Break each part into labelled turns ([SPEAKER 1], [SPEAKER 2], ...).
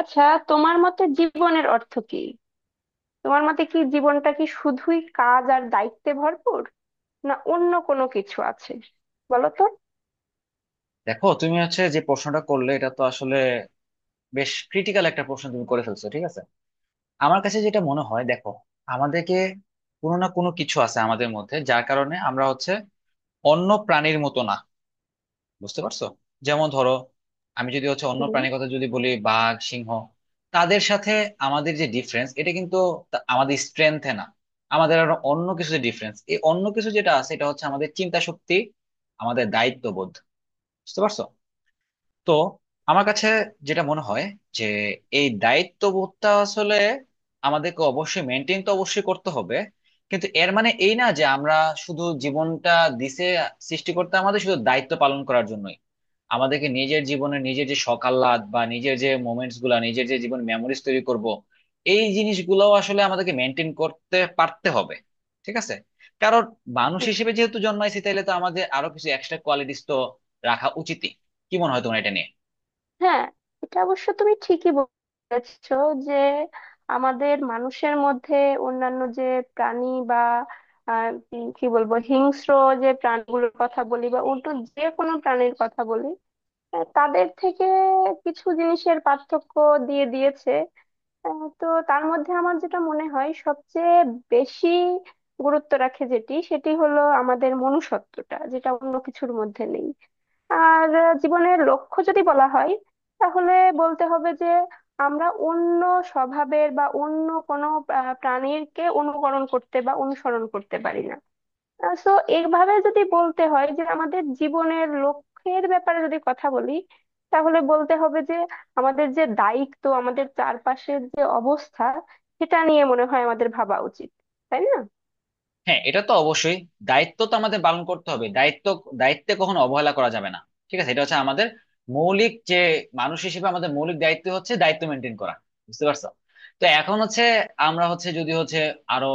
[SPEAKER 1] আচ্ছা, তোমার মতে জীবনের অর্থ কি? তোমার মতে কি জীবনটা কি শুধুই কাজ আর দায়িত্বে ভরপুর, না অন্য কোনো কিছু আছে? বলো তো।
[SPEAKER 2] দেখো, তুমি যে প্রশ্নটা করলে, এটা তো আসলে বেশ ক্রিটিক্যাল একটা প্রশ্ন তুমি করে ফেলছো। ঠিক আছে, আমার কাছে যেটা মনে হয়, দেখো, আমাদেরকে কোনো না কোনো কিছু আছে আমাদের মধ্যে, যার কারণে আমরা অন্য প্রাণীর মতো না। বুঝতে পারছো? যেমন ধরো, আমি যদি অন্য
[SPEAKER 1] হুম।
[SPEAKER 2] প্রাণীর কথা যদি বলি, বাঘ, সিংহ, তাদের সাথে আমাদের যে ডিফারেন্স, এটা কিন্তু আমাদের স্ট্রেংথে না, আমাদের আরো অন্য কিছু যে ডিফারেন্স, এই অন্য কিছু যেটা আছে এটা হচ্ছে আমাদের চিন্তা শক্তি, আমাদের দায়িত্ববোধ। বুঝতে পারছো? তো আমার কাছে যেটা মনে হয় যে এই দায়িত্ববোধটা আসলে আমাদেরকে অবশ্যই মেনটেন তো অবশ্যই করতে হবে, কিন্তু এর মানে এই না যে আমরা শুধু জীবনটা দিছে সৃষ্টিকর্তা আমাদের শুধু দায়িত্ব পালন করার জন্যই। আমাদেহ্কে নিজের জীবনে নিজের যে শখ আহ্লাদ, বা নিজের যে মোমেন্টস গুলা, নিজের যে জীবন মেমোরিজ তৈরি করব, এই জিনিসগুলো আসলে আমাদেরকে মেনটেন করতে পারতে হবে। ঠিক আছে? কারণ মানুষ
[SPEAKER 1] হুম।
[SPEAKER 2] হিসেবে যেহেতু জন্মাইছি, তাহলে তো আমাদের আরো কিছু এক্সট্রা কোয়ালিটিস তো রাখা উচিত। কি মনে হয় তোমার এটা নিয়ে?
[SPEAKER 1] হ্যাঁ, এটা অবশ্য তুমি ঠিকই বলেছো যে আমাদের মানুষের মধ্যে অন্যান্য যে প্রাণী বা আহ, কি বলবো, হিংস্র যে প্রাণীগুলোর কথা বলি বা অন্য যে কোনো প্রাণীর কথা বলি, তাদের থেকে কিছু জিনিসের পার্থক্য দিয়ে দিয়েছে। তো তার মধ্যে আমার যেটা মনে হয় সবচেয়ে বেশি গুরুত্ব রাখে যেটি, সেটি হলো আমাদের মনুষ্যত্বটা, যেটা অন্য কিছুর মধ্যে নেই। আর জীবনের লক্ষ্য যদি বলা হয়, তাহলে বলতে হবে যে আমরা অন্য স্বভাবের বা অন্য কোনো প্রাণীকে অনুকরণ করতে বা অনুসরণ করতে পারি না। সো, এইভাবে যদি বলতে হয় যে আমাদের জীবনের লক্ষ্যের ব্যাপারে যদি কথা বলি, তাহলে বলতে হবে যে আমাদের যে দায়িত্ব, আমাদের চারপাশের যে অবস্থা, সেটা নিয়ে মনে হয় আমাদের ভাবা উচিত। তাই না?
[SPEAKER 2] হ্যাঁ, এটা তো অবশ্যই, দায়িত্ব তো আমাদের পালন করতে হবে। দায়িত্বে কখনো অবহেলা করা যাবে না। ঠিক আছে, এটা হচ্ছে আমাদের মৌলিক যে মানুষ হিসেবে আমাদের মৌলিক দায়িত্ব হচ্ছে দায়িত্ব মেনটেন করা। বুঝতে পারছো? তো এখন হচ্ছে, আমরা হচ্ছে যদি হচ্ছে আরো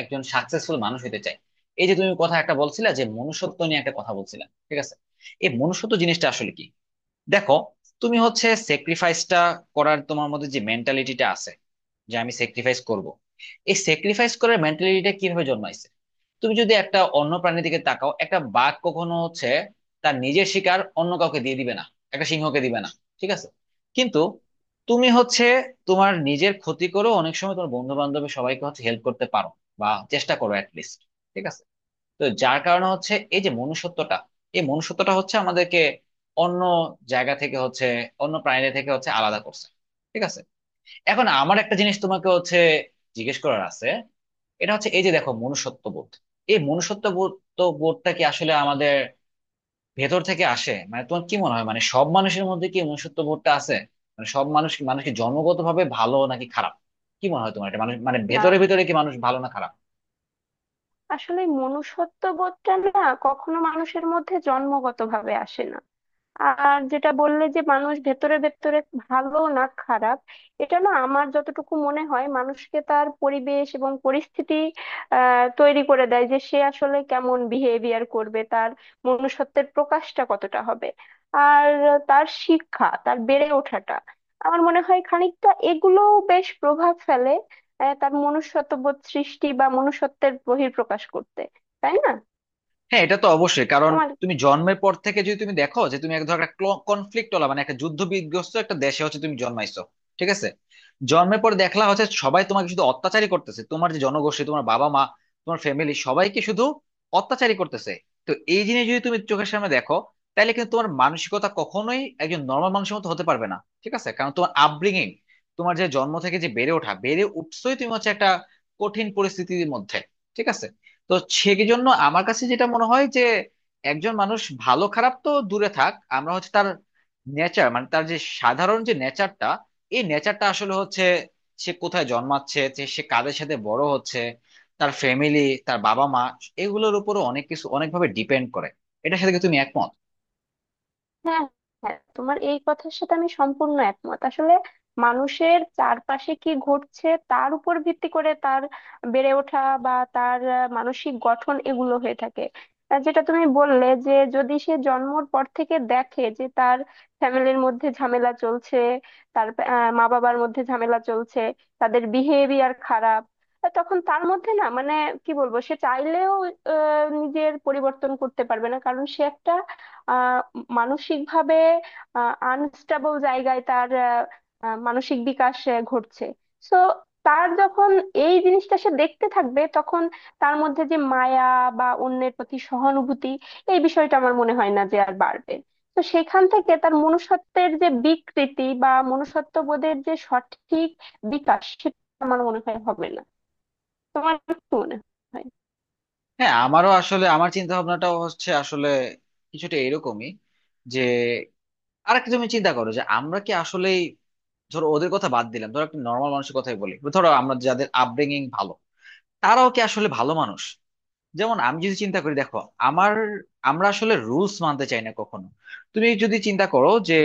[SPEAKER 2] একজন সাকসেসফুল মানুষ হতে চাই। এই যে তুমি কথা একটা বলছিলে, যে মনুষ্যত্ব নিয়ে একটা কথা বলছিলে, ঠিক আছে, এই মনুষ্যত্ব জিনিসটা আসলে কি? দেখো, তুমি স্যাক্রিফাইসটা করার তোমার মধ্যে যে মেন্টালিটিটা আছে, যে আমি স্যাক্রিফাইস করব, এই স্যাক্রিফাইস করার মেন্টালিটিটা কিভাবে জন্মাইছে? তুমি যদি একটা অন্য প্রাণীর দিকে তাকাও, একটা বাঘ কখনো তার নিজের শিকার অন্য কাউকে দিয়ে দিবে না, একটা সিংহকে দিবে না। ঠিক আছে? কিন্তু তুমি তোমার নিজের ক্ষতি করো অনেক সময়, তোমার বন্ধু বান্ধবের সবাইকে হেল্প করতে পারো, বা চেষ্টা করো অ্যাটলিস্ট। ঠিক আছে? তো যার কারণে এই যে মনুষ্যত্বটা, এই মনুষ্যত্বটা আমাদেরকে অন্য জায়গা থেকে অন্য প্রাণীদের থেকে আলাদা করছে। ঠিক আছে? এখন আমার একটা জিনিস তোমাকে জিজ্ঞেস করার আছে। এটা হচ্ছে, এই যে দেখো মনুষ্যত্ববোধ, এই মনুষ্যত্ববোধ তো বোধটা কি আসলে আমাদের ভেতর থেকে আসে? মানে তোমার কি মনে হয়, মানে সব মানুষের মধ্যে কি মনুষ্যত্ববোধটা আছে? মানে সব মানুষকে জন্মগতভাবে ভালো নাকি খারাপ? কি মনে হয় তোমার এটা? মানুষ মানে
[SPEAKER 1] না,
[SPEAKER 2] ভেতরে ভেতরে কি মানুষ ভালো না খারাপ?
[SPEAKER 1] আসলে মনুষ্যত্ব বোধটা না কখনো মানুষের মধ্যে জন্মগতভাবে আসে না। আর যেটা বললে যে মানুষ ভেতরে ভেতরে ভালো না খারাপ, এটা না, আমার যতটুকু মনে হয় মানুষকে তার পরিবেশ এবং পরিস্থিতি তৈরি করে দেয় যে সে আসলে কেমন বিহেভিয়ার করবে, তার মনুষ্যত্বের প্রকাশটা কতটা হবে। আর তার শিক্ষা, তার বেড়ে ওঠাটা আমার মনে হয় খানিকটা এগুলো বেশ প্রভাব ফেলে তার মনুষ্যত্ববোধ সৃষ্টি বা মনুষ্যত্বের বহিঃপ্রকাশ করতে। তাই না?
[SPEAKER 2] হ্যাঁ, এটা তো অবশ্যই, কারণ
[SPEAKER 1] তোমার।
[SPEAKER 2] তুমি জন্মের পর থেকে যদি তুমি দেখো যে তুমি এক ধর একটা কনফ্লিক্ট ওলা, মানে একটা যুদ্ধ বিধ্বস্ত একটা দেশে তুমি জন্মাইছো, ঠিক আছে, জন্মের পর দেখলা সবাই তোমাকে শুধু অত্যাচারই করতেছে, তোমার যে জনগোষ্ঠী, তোমার বাবা মা, তোমার ফ্যামিলি সবাইকে শুধু অত্যাচারই করতেছে, তো এই জিনিস যদি তুমি চোখের সামনে দেখো, তাহলে কিন্তু তোমার মানসিকতা কখনোই একজন নর্মাল মানুষের মতো হতে পারবে না। ঠিক আছে, কারণ তোমার আপব্রিঙিং, তোমার যে জন্ম থেকে যে বেড়ে উঠছোই তুমি একটা কঠিন পরিস্থিতির মধ্যে। ঠিক আছে? তো সেই জন্য আমার কাছে যেটা মনে হয় যে একজন মানুষ ভালো খারাপ তো দূরে থাক, আমরা তার নেচার, মানে তার যে সাধারণ যে নেচারটা, এই নেচারটা আসলে হচ্ছে সে কোথায় জন্মাচ্ছে, যে সে কাদের সাথে বড় হচ্ছে, তার ফ্যামিলি, তার বাবা মা, এগুলোর উপরও অনেক কিছু অনেকভাবে ডিপেন্ড করে। এটার সাথে কি তুমি একমত?
[SPEAKER 1] হ্যাঁ, হ্যাঁ, তোমার এই কথার সাথে আমি সম্পূর্ণ একমত আসলে। মানুষের চারপাশে কি ঘটছে তার উপর ভিত্তি করে তার বেড়ে ওঠা বা তার মানসিক গঠন এগুলো হয়ে থাকে। যেটা তুমি বললে যে যদি সে জন্মর পর থেকে দেখে যে তার ফ্যামিলির মধ্যে ঝামেলা চলছে, তার মা বাবার মধ্যে ঝামেলা চলছে, তাদের বিহেভিয়ার খারাপ, তখন তার মধ্যে না, মানে কি বলবো, সে চাইলেও নিজের পরিবর্তন করতে পারবে না, কারণ সে একটা আহ মানসিকভাবে আনস্টেবল জায়গায় তার মানসিক বিকাশ ঘটছে। সো, তার যখন এই জিনিসটা সে দেখতে থাকবে, তখন তার মধ্যে যে মায়া বা অন্যের প্রতি সহানুভূতি, এই বিষয়টা আমার মনে হয় না যে আর বাড়বে। তো সেখান থেকে তার মনুষ্যত্বের যে বিকৃতি বা মনুষ্যত্ব বোধের যে সঠিক বিকাশ, সেটা আমার মনে হয় হবে না। তোমার কি মনে হয়?
[SPEAKER 2] হ্যাঁ, আমারও আসলে আমার চিন্তা ভাবনাটাও হচ্ছে আসলে কিছুটা এরকমই, যে আরেকটা তুমি চিন্তা করো যে আমরা কি আসলেই, ধরো ওদের কথা বাদ দিলাম, ধরো একটা নর্মাল মানুষের কথাই বলি, ধরো আমরা যাদের আপব্রিঙ্গিং ভালো, তারাও কি আসলে ভালো মানুষ? যেমন আমি যদি চিন্তা করি, দেখো, আমার আমরা আসলে রুলস মানতে চাই না কখনো। তুমি যদি চিন্তা করো যে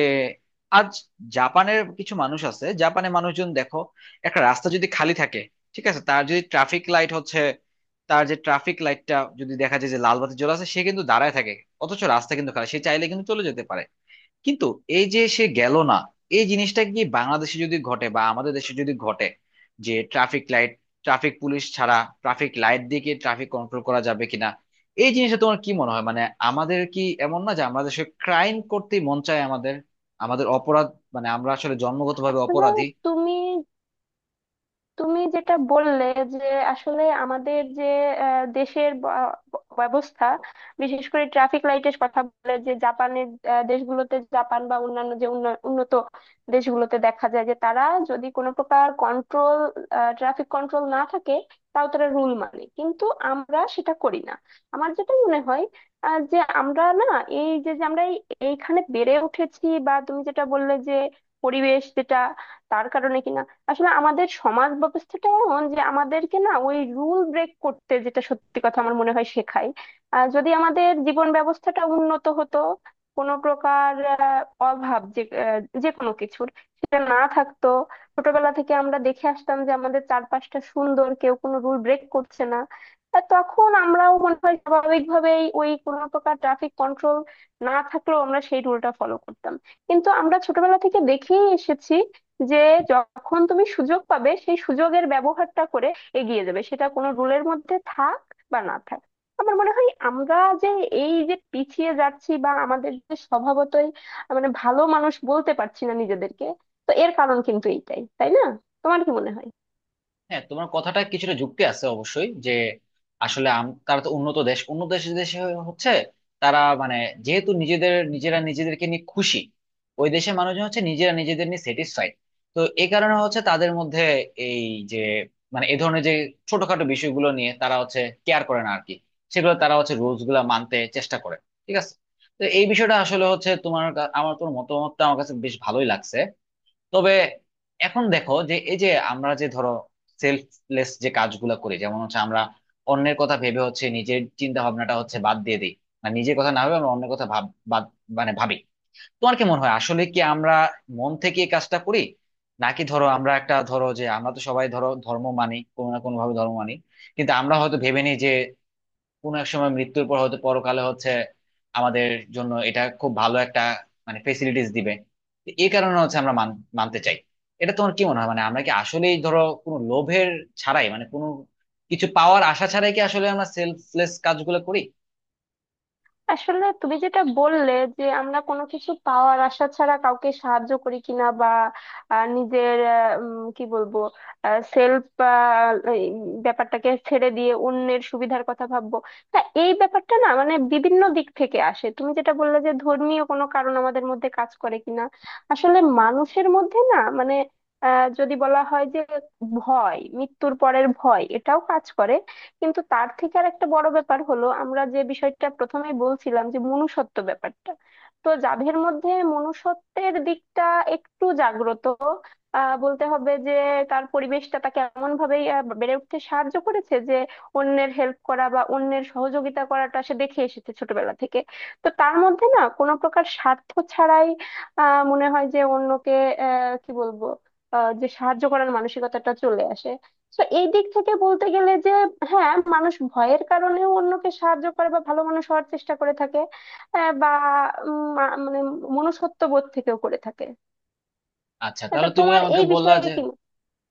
[SPEAKER 2] আজ জাপানের কিছু মানুষ আছে, জাপানের মানুষজন দেখো, একটা রাস্তা যদি খালি থাকে, ঠিক আছে, তার যদি ট্রাফিক লাইট তার যে ট্রাফিক লাইটটা যদি দেখা যায় যে লাল বাতি জ্বলা আছে, সে কিন্তু দাঁড়ায় থাকে, অথচ রাস্তা কিন্তু খালি, সে চাইলে কিন্তু চলে যেতে পারে, কিন্তু এই যে সে গেল না। এই জিনিসটা কি বাংলাদেশে যদি ঘটে, বা আমাদের দেশে যদি ঘটে, যে ট্রাফিক লাইট ট্রাফিক পুলিশ ছাড়া ট্রাফিক লাইট দিয়ে কি ট্রাফিক কন্ট্রোল করা যাবে কিনা? এই জিনিসটা তোমার কি মনে হয়? মানে আমাদের কি এমন না যে আমাদের দেশে ক্রাইম করতে মন চায়? আমাদের আমাদের অপরাধ মানে আমরা আসলে জন্মগতভাবে
[SPEAKER 1] তাহলে
[SPEAKER 2] অপরাধী?
[SPEAKER 1] তুমি, যেটা বললে যে আসলে আমাদের যে আহ, দেশের ব- ব্যবস্থা, বিশেষ করে ট্রাফিক লাইটের কথা বলে যে জাপানের, দেশগুলোতে জাপান বা অন্যান্য যে উন্নত দেশগুলোতে দেখা যায় যে তারা যদি কোনো প্রকার কন্ট্রোল, ট্রাফিক কন্ট্রোল না থাকে, তাও তারা রুল মানে, কিন্তু আমরা সেটা করি না। আমার যেটা মনে হয় যে আমরা না, এই যে যে আমরা এইখানে বেড়ে উঠেছি বা তুমি যেটা বললে যে পরিবেশ যেটা, তার কারণে কিনা, আসলে আমাদের সমাজ ব্যবস্থাটা এমন যে আমাদেরকে না ওই রুল ব্রেক করতে, যেটা সত্যি কথা, আমার মনে হয় শেখায়। আর যদি আমাদের জীবন ব্যবস্থাটা উন্নত হতো, কোনো প্রকার অভাব যে যে কোনো কিছুর, সেটা না থাকতো, ছোটবেলা থেকে আমরা দেখে আসতাম যে আমাদের চারপাশটা সুন্দর, কেউ কোনো রুল ব্রেক করছে না, আর তখন আমরাও মনে হয় স্বাভাবিকভাবেই ওই কোনো প্রকার ট্রাফিক কন্ট্রোল না থাকলেও আমরা সেই রুলটা ফলো করতাম। কিন্তু আমরা ছোটবেলা থেকে দেখেই এসেছি যে যখন তুমি সুযোগ পাবে, সেই সুযোগের ব্যবহারটা করে এগিয়ে যাবে, সেটা কোনো রুলের মধ্যে থাক বা না থাক। আমার মনে হয় আমরা যে এই যে পিছিয়ে যাচ্ছি বা আমাদের যে স্বভাবতই মানে ভালো মানুষ বলতে পারছি না নিজেদেরকে, তো এর কারণ কিন্তু এইটাই। তাই না? তোমার কি মনে হয়?
[SPEAKER 2] হ্যাঁ, তোমার কথাটা কিছুটা যুক্তি আছে অবশ্যই, যে আসলে তারা তো উন্নত দেশ, উন্নত দেশে হচ্ছে তারা মানে যেহেতু নিজেদেরকে নিয়ে খুশি, ওই দেশের মানুষজন নিজেরা নিজেদের নিয়ে স্যাটিসফাইড। তো এই কারণে তাদের মধ্যে এই যে মানে এ ধরনের যে ছোটখাটো বিষয়গুলো নিয়ে তারা কেয়ার করে না আর কি, সেগুলো তারা রুলস গুলা মানতে চেষ্টা করে। ঠিক আছে, তো এই বিষয়টা আসলে হচ্ছে, আমার তোমার মতামতটা আমার কাছে বেশ ভালোই লাগছে। তবে এখন দেখো, যে এই যে আমরা যে ধরো সেলফলেস যে কাজগুলো করি, যেমন আমরা অন্যের কথা ভেবে নিজের চিন্তা ভাবনাটা বাদ দিয়ে দিই, মানে নিজের কথা না ভেবে আমরা অন্যের কথা ভাব বাদ মানে ভাবি। তোমার কি মনে হয় আসলে কি আমরা মন থেকে এই কাজটা করি? নাকি ধরো, আমরা তো সবাই ধরো ধর্ম মানি কোনো না কোনো ভাবে ধর্ম মানি, কিন্তু আমরা হয়তো ভেবে নিই যে কোনো এক সময় মৃত্যুর পর হয়তো পরকালে আমাদের জন্য এটা খুব ভালো একটা, মানে ফেসিলিটিস দিবে, তো এই কারণে আমরা মানতে চাই। এটা তোমার কি মনে হয়? মানে আমরা কি আসলেই ধরো কোনো লোভের ছাড়াই, মানে কোনো কিছু পাওয়ার আশা ছাড়াই কি আসলে আমরা সেলফলেস কাজগুলো করি?
[SPEAKER 1] আসলে তুমি যেটা বললে যে আমরা কোনো কিছু পাওয়ার আশা ছাড়া কাউকে সাহায্য করি কিনা বা নিজের কি বলবো, সেলফ ব্যাপারটাকে ছেড়ে দিয়ে অন্যের সুবিধার কথা ভাববো, তা এই ব্যাপারটা না মানে বিভিন্ন দিক থেকে আসে। তুমি যেটা বললে যে ধর্মীয় কোনো কারণ আমাদের মধ্যে কাজ করে কিনা, আসলে মানুষের মধ্যে না মানে যদি বলা হয় যে ভয়, মৃত্যুর পরের ভয়, এটাও কাজ করে। কিন্তু তার থেকে আর একটা বড় ব্যাপার হলো আমরা যে বিষয়টা প্রথমেই বলছিলাম যে মনুষ্যত্ব ব্যাপারটা, তো যাদের মধ্যে মনুষ্যত্বের দিকটা একটু জাগ্রত, বলতে হবে যে তার পরিবেশটা তাকে এমন ভাবেই বেড়ে উঠতে সাহায্য করেছে যে অন্যের হেল্প করা বা অন্যের সহযোগিতা করাটা সে দেখে এসেছে ছোটবেলা থেকে। তো তার মধ্যে না কোনো প্রকার স্বার্থ ছাড়াই মনে হয় যে অন্যকে আহ কি বলবো যে সাহায্য করার মানসিকতাটা চলে আসে। তো এই দিক থেকে বলতে গেলে যে হ্যাঁ, মানুষ ভয়ের কারণেও অন্যকে সাহায্য করে বা ভালো মানুষ হওয়ার চেষ্টা করে থাকে বা মানে মনুষ্যত্ব বোধ থেকেও করে থাকে।
[SPEAKER 2] আচ্ছা,
[SPEAKER 1] এটা
[SPEAKER 2] তাহলে তুমি
[SPEAKER 1] তোমার
[SPEAKER 2] আমাকে
[SPEAKER 1] এই
[SPEAKER 2] বললা
[SPEAKER 1] বিষয়ে
[SPEAKER 2] যে,
[SPEAKER 1] কি মত?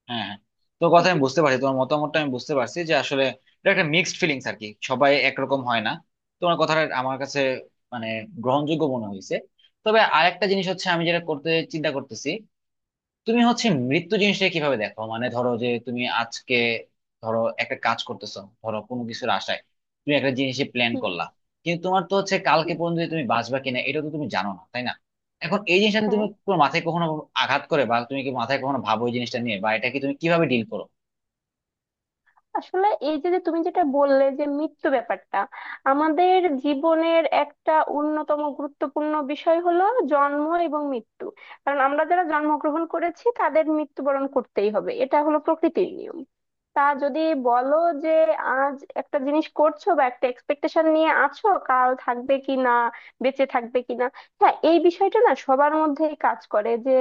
[SPEAKER 2] হ্যাঁ হ্যাঁ, তোর কথা
[SPEAKER 1] হুম।
[SPEAKER 2] আমি বুঝতে পারছি, তোমার মতামতটা আমি বুঝতে পারছি যে আসলে এটা একটা মিক্সড ফিলিংস আর কি, সবাই একরকম হয় না। তোমার কথাটা আমার কাছে মানে গ্রহণযোগ্য মনে হয়েছে। তবে আরেকটা জিনিস হচ্ছে আমি যেটা করতে চিন্তা করতেছি, তুমি মৃত্যু জিনিসটা কিভাবে দেখো? মানে ধরো যে তুমি আজকে ধরো একটা কাজ করতেছো, ধরো কোনো কিছুর আশায় তুমি একটা জিনিসে প্ল্যান
[SPEAKER 1] হুম।
[SPEAKER 2] করলা, কিন্তু তোমার তো কালকে
[SPEAKER 1] হুম।
[SPEAKER 2] পর্যন্ত যে তুমি বাঁচবা কিনা এটা তো তুমি জানো না, তাই না? এখন এই জিনিসটা নিয়ে তুমি
[SPEAKER 1] হ্যাঁ,
[SPEAKER 2] তোমার মাথায় কখনো আঘাত করে, বা তুমি কি মাথায় কখনো ভাবো এই জিনিসটা নিয়ে, বা এটা কি তুমি কিভাবে ডিল করো?
[SPEAKER 1] আসলে এই যে যে তুমি যেটা বললে যে মৃত্যু ব্যাপারটা, আমাদের জীবনের একটা অন্যতম গুরুত্বপূর্ণ বিষয় হলো জন্ম এবং মৃত্যু। কারণ আমরা যারা জন্মগ্রহণ করেছি তাদের মৃত্যুবরণ করতেই হবে, এটা হলো প্রকৃতির নিয়ম। তা যদি বলো যে আজ একটা জিনিস করছো বা একটা এক্সপেকটেশন নিয়ে আছো, কাল থাকবে কি না, বেঁচে থাকবে কি না, হ্যাঁ, এই বিষয়টা না সবার মধ্যেই কাজ করে যে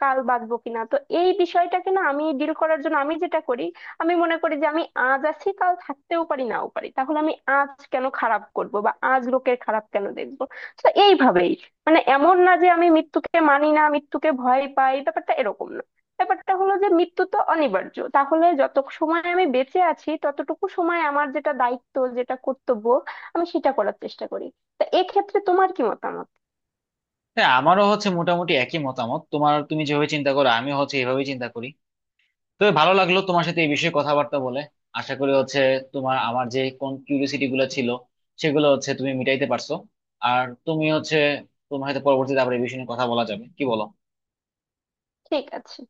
[SPEAKER 1] কাল বাঁচবো কিনা। তো এই বিষয়টাকে না আমি ডিল করার জন্য আমি যেটা করি, আমি মনে করি যে আমি আজ আছি, কাল থাকতেও পারি নাও পারি, তাহলে আমি আজ কেন খারাপ করব বা আজ লোকের খারাপ কেন দেখবো। তো এইভাবেই, মানে এমন না যে আমি মৃত্যুকে মানি না, মৃত্যুকে ভয় পাই, ব্যাপারটা এরকম না। ব্যাপারটা হলো যে মৃত্যু তো অনিবার্য, তাহলে যত সময় আমি বেঁচে আছি ততটুকু সময় আমার যেটা দায়িত্ব, যেটা কর্তব্য, আমি সেটা করার চেষ্টা করি। তা এক্ষেত্রে তোমার কি মতামত?
[SPEAKER 2] হ্যাঁ, আমারও মোটামুটি একই মতামত, তোমার তুমি যেভাবে চিন্তা করো আমি এভাবেই চিন্তা করি। তবে ভালো লাগলো তোমার সাথে এই বিষয়ে কথাবার্তা বলে। আশা করি তোমার আমার যে কোন কিউরিওসিটি গুলো ছিল, সেগুলো তুমি মিটাইতে পারছো। আর তুমি তোমার হয়তো পরবর্তীতে আবার এই বিষয়ে নিয়ে কথা বলা যাবে, কি বলো?
[SPEAKER 1] ঠিক আছে।